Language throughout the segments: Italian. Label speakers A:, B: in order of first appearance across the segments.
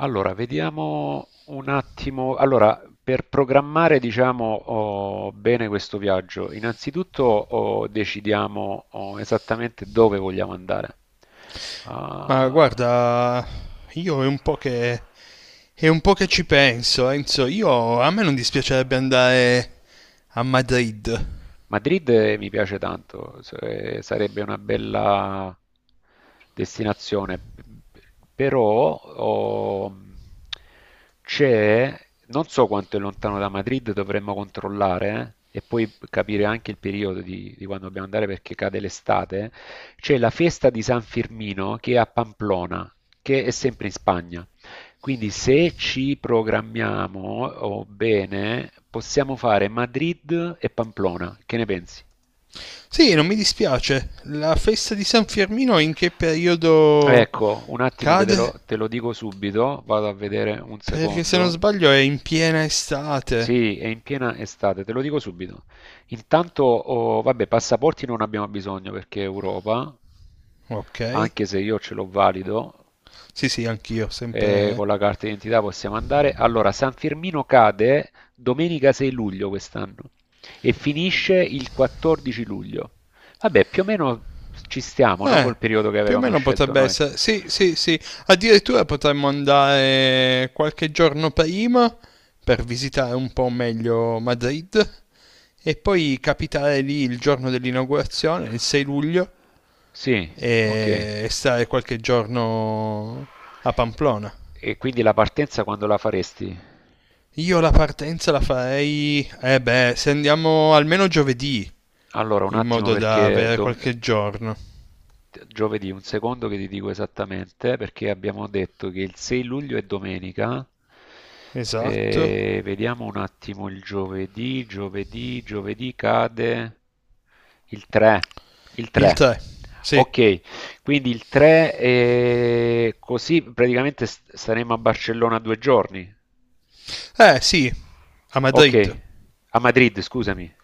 A: Allora, vediamo un attimo. Allora, per programmare, diciamo, bene questo viaggio, innanzitutto decidiamo esattamente dove vogliamo andare.
B: Ma
A: Ah,
B: guarda, io è un po' che, è un po' che ci penso, Enzo. Io, a me non dispiacerebbe andare a Madrid.
A: Madrid, mi piace tanto, sarebbe una bella destinazione, p- però c'è, non so quanto è lontano da Madrid, dovremmo controllare e poi capire anche il periodo di quando dobbiamo andare perché cade l'estate. C'è la festa di San Firmino che è a Pamplona, che è sempre in Spagna. Quindi se ci programmiamo oh, bene, possiamo fare Madrid e Pamplona. Che ne pensi?
B: Sì, non mi dispiace. La festa di San Firmino in che periodo
A: Ecco, un attimo che
B: cade?
A: te lo dico subito, vado a vedere un
B: Perché se non
A: secondo.
B: sbaglio è in piena estate.
A: Sì, è in piena estate, te lo dico subito. Intanto, vabbè, passaporti non abbiamo bisogno perché è Europa,
B: Ok.
A: anche se io ce l'ho valido.
B: Sì, sì, anch'io, sempre...
A: Con la carta d'identità possiamo andare. Allora, San Firmino cade domenica 6 luglio quest'anno e finisce il 14 luglio. Vabbè, più o meno ci stiamo, no?
B: Eh,
A: Col periodo che
B: più o
A: avevamo
B: meno
A: scelto
B: potrebbe
A: noi.
B: essere... Sì, sì, sì. Addirittura potremmo andare qualche giorno prima per visitare un po' meglio Madrid. E poi capitare lì il giorno dell'inaugurazione, il 6 luglio,
A: Sì, ok.
B: e stare qualche giorno a Pamplona.
A: E quindi la partenza quando la faresti?
B: Io la partenza la farei, eh beh, se andiamo almeno giovedì,
A: Allora, un
B: in
A: attimo
B: modo da
A: perché
B: avere qualche giorno.
A: giovedì, un secondo che ti dico esattamente, perché abbiamo detto che il 6 luglio è domenica.
B: Esatto.
A: E vediamo un attimo il giovedì cade il
B: Il
A: 3.
B: 3. Sì.
A: Ok, quindi il 3 e così praticamente saremo a Barcellona 2 giorni.
B: Eh sì, a
A: Ok,
B: Madrid.
A: a Madrid, scusami.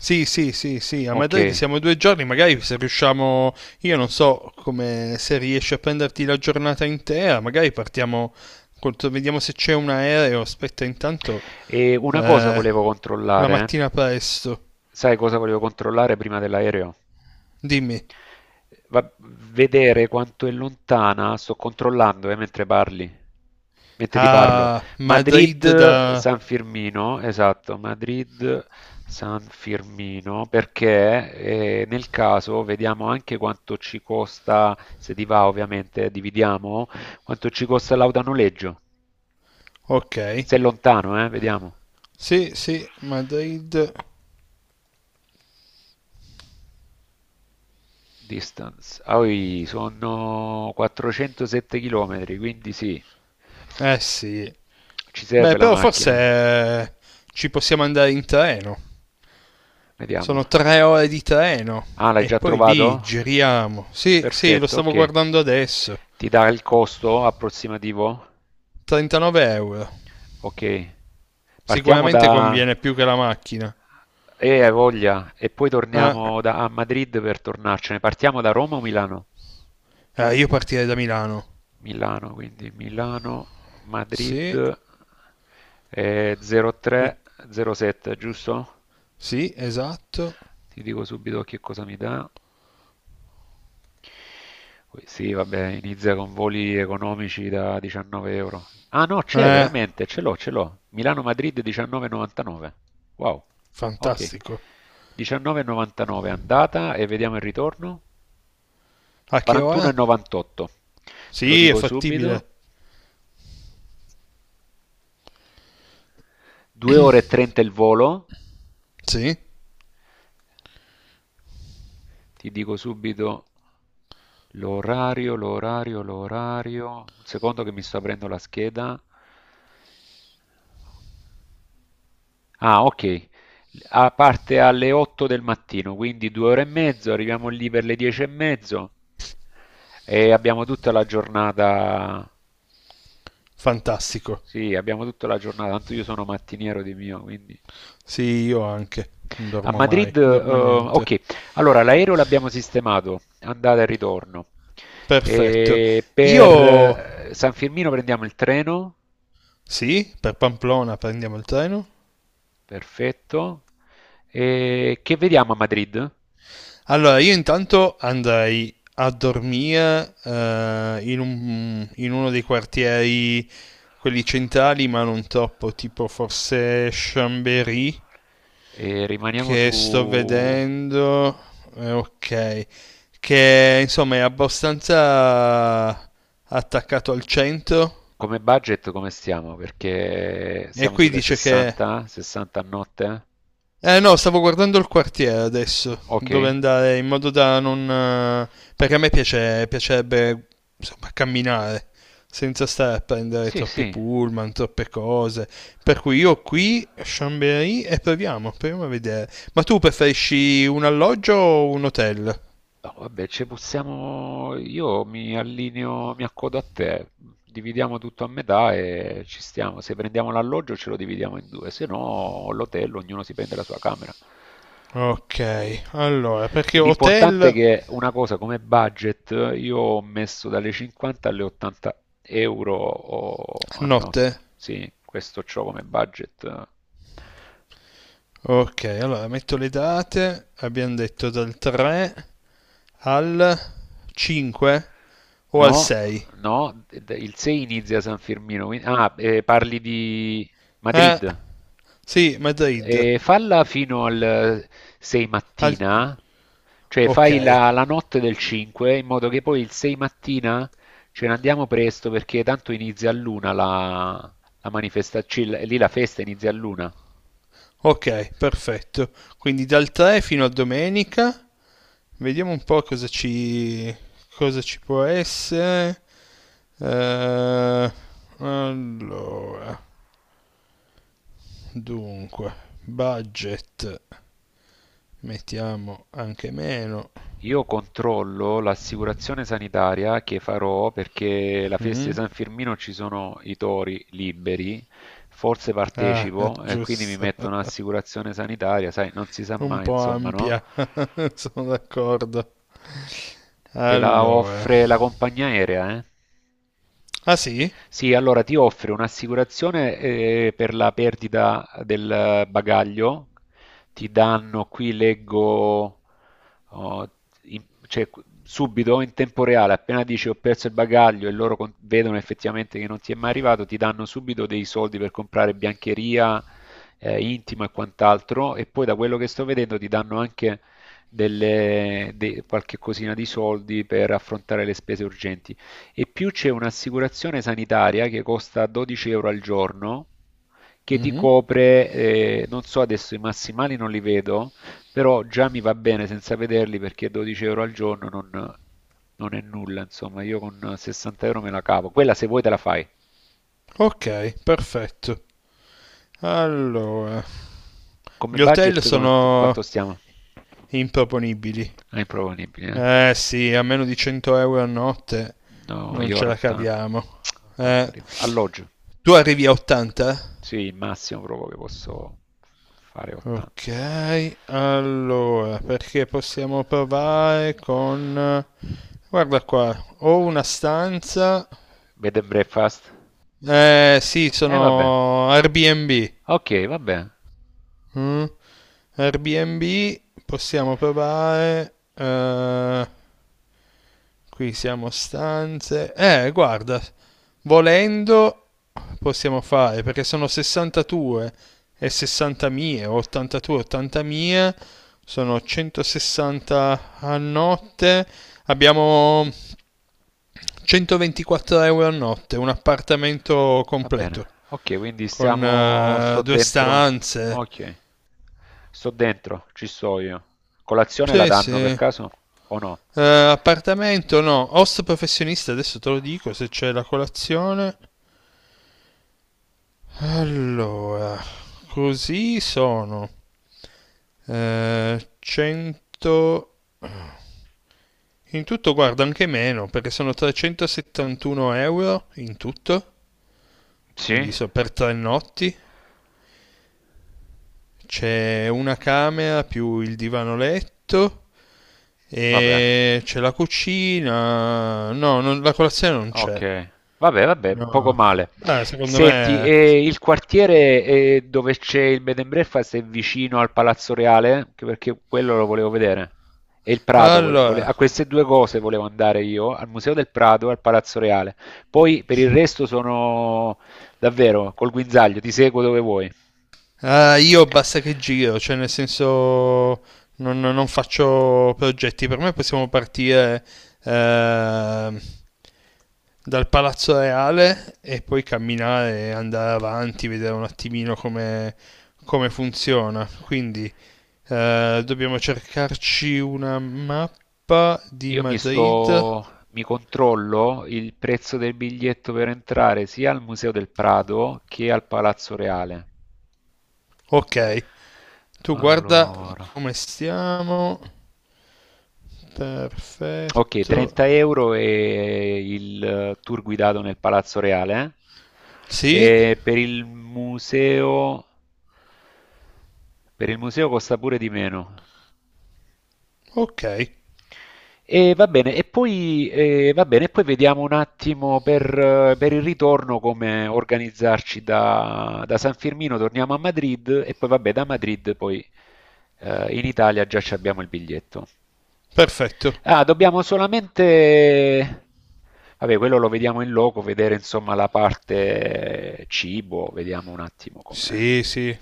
B: Sì, sì, sì, sì, a
A: Ok.
B: Madrid siamo due giorni, magari se riusciamo, io non so come se riesci a prenderti la giornata intera, magari partiamo, col- vediamo se c'è un aereo, aspetta intanto,
A: E una cosa
B: eh,
A: volevo
B: la
A: controllare.
B: mattina presto.
A: Sai cosa volevo controllare prima dell'aereo?
B: Dimmi,
A: Va- Vedere quanto è lontana, sto controllando mentre parli, mentre ti parlo.
B: a Madrid
A: Madrid
B: da...
A: San Firmino, esatto, Madrid San Firmino, perché nel caso vediamo anche quanto ci costa, se ti va ovviamente, dividiamo, quanto ci costa l'autonoleggio.
B: Ok,
A: Se è lontano, vediamo.
B: sì, sì, Madrid,
A: Distance. Ah, oi, sono 407 km, quindi sì,
B: eh sì,
A: ci serve
B: beh
A: la
B: però forse
A: macchina.
B: ci possiamo andare in treno.
A: Vediamo.
B: Sono tre ore di treno
A: Ah, l'hai
B: e
A: già
B: poi lì
A: trovato?
B: giriamo. Sì, sì, lo
A: Perfetto,
B: stavo
A: ok.
B: guardando adesso.
A: Ti dà il costo approssimativo?
B: 39 euro.
A: Ok. Partiamo
B: Sicuramente
A: da.
B: conviene più che la macchina.
A: E hai voglia, e poi
B: Ah,
A: torniamo da, a Madrid per tornarcene. Partiamo da Roma o Milano?
B: io partirei da Milano.
A: Milano, quindi Milano, Madrid,
B: Sì, eh,
A: 03, 07, giusto?
B: sì, esatto.
A: Ti dico subito che cosa mi dà. Poi sì, vabbè, inizia con voli economici da 19 euro. Ah no, c'è
B: Eh,
A: veramente, ce l'ho, ce l'ho. Milano-Madrid 19,99. Wow, ok.
B: fantastico.
A: 19,99 andata e vediamo il ritorno.
B: A che ora?
A: 41,98. Te lo
B: Sì, è
A: dico subito.
B: fattibile.
A: 2 ore e 30 il volo,
B: Sì,
A: Ti dico subito l'orario. Un secondo che mi sto aprendo la scheda. Ah, ok. Ah, parte alle 8 del mattino, quindi 2 ore e mezzo, arriviamo lì per le 10 e mezzo e abbiamo tutta la giornata.
B: fantastico.
A: Sì, abbiamo tutta la giornata. Tanto io sono mattiniero di mio, quindi.
B: Sì, io anche. Non
A: A
B: dormo mai,
A: Madrid,
B: non dormo niente.
A: ok, allora l'aereo l'abbiamo sistemato, andata e ritorno.
B: Perfetto.
A: E per
B: Io...
A: San Firmino prendiamo il treno,
B: Sì, per Pamplona prendiamo il treno?
A: perfetto. E che vediamo a Madrid?
B: Allora, io intanto andrei a dormire in uno dei quartieri, quelli centrali, ma non troppo, tipo forse Chambéry,
A: E rimaniamo su
B: che sto vedendo, ok, che insomma è abbastanza attaccato al centro,
A: come budget, come stiamo? Perché
B: e
A: siamo
B: qui
A: sulle
B: dice che...
A: 60 a notte? Eh?
B: Eh no, stavo guardando il quartiere adesso,
A: Ok,
B: dove andare in modo da non... perché a me piace, piacerebbe, insomma, camminare senza stare a prendere
A: sì,
B: troppi
A: sì.
B: pullman, troppe cose. Per cui io qui, Chambéry, e proviamo a vedere. Ma tu preferisci un alloggio o un hotel?
A: No, vabbè, ci possiamo. Io mi allineo, mi accodo a te. Dividiamo tutto a metà e ci stiamo. Se prendiamo l'alloggio ce lo dividiamo in due, se no l'hotel, ognuno si prende la sua camera.
B: Ok, allora, perché hotel
A: L'importante è
B: a
A: che una cosa come budget, io ho messo dalle 50 alle 80 euro a
B: notte?
A: notte. Sì, questo c'ho come budget.
B: Ok, allora metto le date, abbiamo detto dal 3 al 5 o
A: No,
B: al 6.
A: no, il 6 inizia San Firmino. Ah, parli di
B: Eh,
A: Madrid.
B: sì, Madrid.
A: E falla fino al 6
B: Al-
A: mattina, cioè
B: ok,
A: fai la notte del 5 in modo che poi il 6 mattina ce ne andiamo presto perché tanto inizia all'una la manifestazione, lì la festa inizia all'una.
B: ok, perfetto. Quindi dal 3 fino a domenica. Vediamo un po' cosa ci può essere. Eh, allora, dunque, budget. Mettiamo anche meno.
A: Io controllo l'assicurazione sanitaria che farò perché la festa di
B: Mm?
A: San Firmino ci sono i tori liberi, forse
B: Ah,
A: partecipo e quindi mi metto
B: giusto.
A: un'assicurazione sanitaria, sai, non si sa
B: Un
A: mai,
B: po'
A: insomma, no?
B: ampia, sono d'accordo.
A: Te la
B: Allora.
A: offre la compagnia aerea, eh?
B: Ah sì?
A: Sì, allora ti offre un'assicurazione per la perdita del bagaglio, ti danno, qui leggo, oh, in- cioè, subito in tempo reale, appena dici ho perso il bagaglio e loro vedono effettivamente che non ti è mai arrivato, ti danno subito dei soldi per comprare biancheria, intima e quant'altro, e poi da quello che sto vedendo ti danno anche qualche cosina di soldi per affrontare le spese urgenti. E più c'è un'assicurazione sanitaria che costa 12 euro al giorno, che ti
B: Mhm.
A: copre, non so adesso i massimali non li vedo, però già mi va bene senza vederli perché 12 euro al giorno non è nulla, insomma, io con 60 euro me la cavo. Quella se vuoi te la fai.
B: Ok, perfetto. Allora,
A: Come
B: gli hotel
A: budget quanto
B: sono
A: stiamo?
B: improponibili.
A: È improponibile, eh?
B: Eh sì, a meno di 100 euro a notte
A: No,
B: non
A: io
B: ce
A: ero
B: la
A: 80.
B: caviamo.
A: 80
B: Eh,
A: arrivo. Alloggio,
B: tu arrivi a 80?
A: sì, il massimo proprio che posso fare 80.
B: Ok, allora, perché possiamo provare con... Guarda qua, ho una stanza...
A: Bed and breakfast?
B: Eh sì,
A: Eh vabbè,
B: sono Airbnb.
A: okay, vabbè,
B: Mm? Airbnb, possiamo provare... qui siamo stanze. Guarda, volendo possiamo fare perché sono 62 e 60 mie, 82, 80 mie, sono 160 a notte. Abbiamo 124 euro a notte, un appartamento
A: va bene.
B: completo
A: Okay, quindi
B: con
A: stiamo sto
B: due
A: dentro,
B: stanze.
A: okay. Sto dentro, ci sto io. Colazione la
B: Sì,
A: danno per
B: sì.
A: caso o no?
B: Appartamento no, host professionista, adesso te lo dico se c'è la colazione. Allora, così sono 100... In tutto guarda anche meno, perché sono 371 euro in tutto,
A: Sì?
B: quindi per tre notti. C'è una camera più il divano letto
A: Vabbè.
B: e c'è la cucina. No, la colazione non c'è.
A: Okay. Vabbè, vabbè, poco
B: No.
A: male.
B: Ah, secondo
A: Senti,
B: me...
A: e il quartiere, dove c'è il bed and breakfast è vicino al Palazzo Reale? Anche perché quello lo volevo vedere. E il Prado, vole vole
B: Allora,
A: a queste 2 cose volevo andare io, al Museo del Prado e al Palazzo Reale. Poi per il resto sono davvero col guinzaglio, ti seguo dove vuoi.
B: ah, io basta che giro, cioè nel senso non faccio progetti. Per me possiamo partire eh, dal Palazzo Reale e poi camminare, andare avanti, vedere un attimino come, come funziona. Quindi dobbiamo cercarci una mappa di
A: Io
B: Madrid.
A: mi controllo il prezzo del biglietto per entrare sia al Museo del Prado che al Palazzo Reale.
B: Ok, tu guarda
A: Allora,
B: come stiamo.
A: ok,
B: Perfetto.
A: 30 euro e il tour guidato nel Palazzo Reale.
B: Sì,
A: eh. E per il museo costa pure di meno.
B: ok.
A: E va bene, e poi, va bene, e poi vediamo un attimo per il ritorno come organizzarci da San Firmino, torniamo a Madrid e poi vabbè da Madrid poi in Italia già ci abbiamo il biglietto.
B: Perfetto.
A: Ah, dobbiamo solamente, vabbè quello lo vediamo in loco, vedere insomma la parte cibo, vediamo un attimo come.
B: Sì, sì.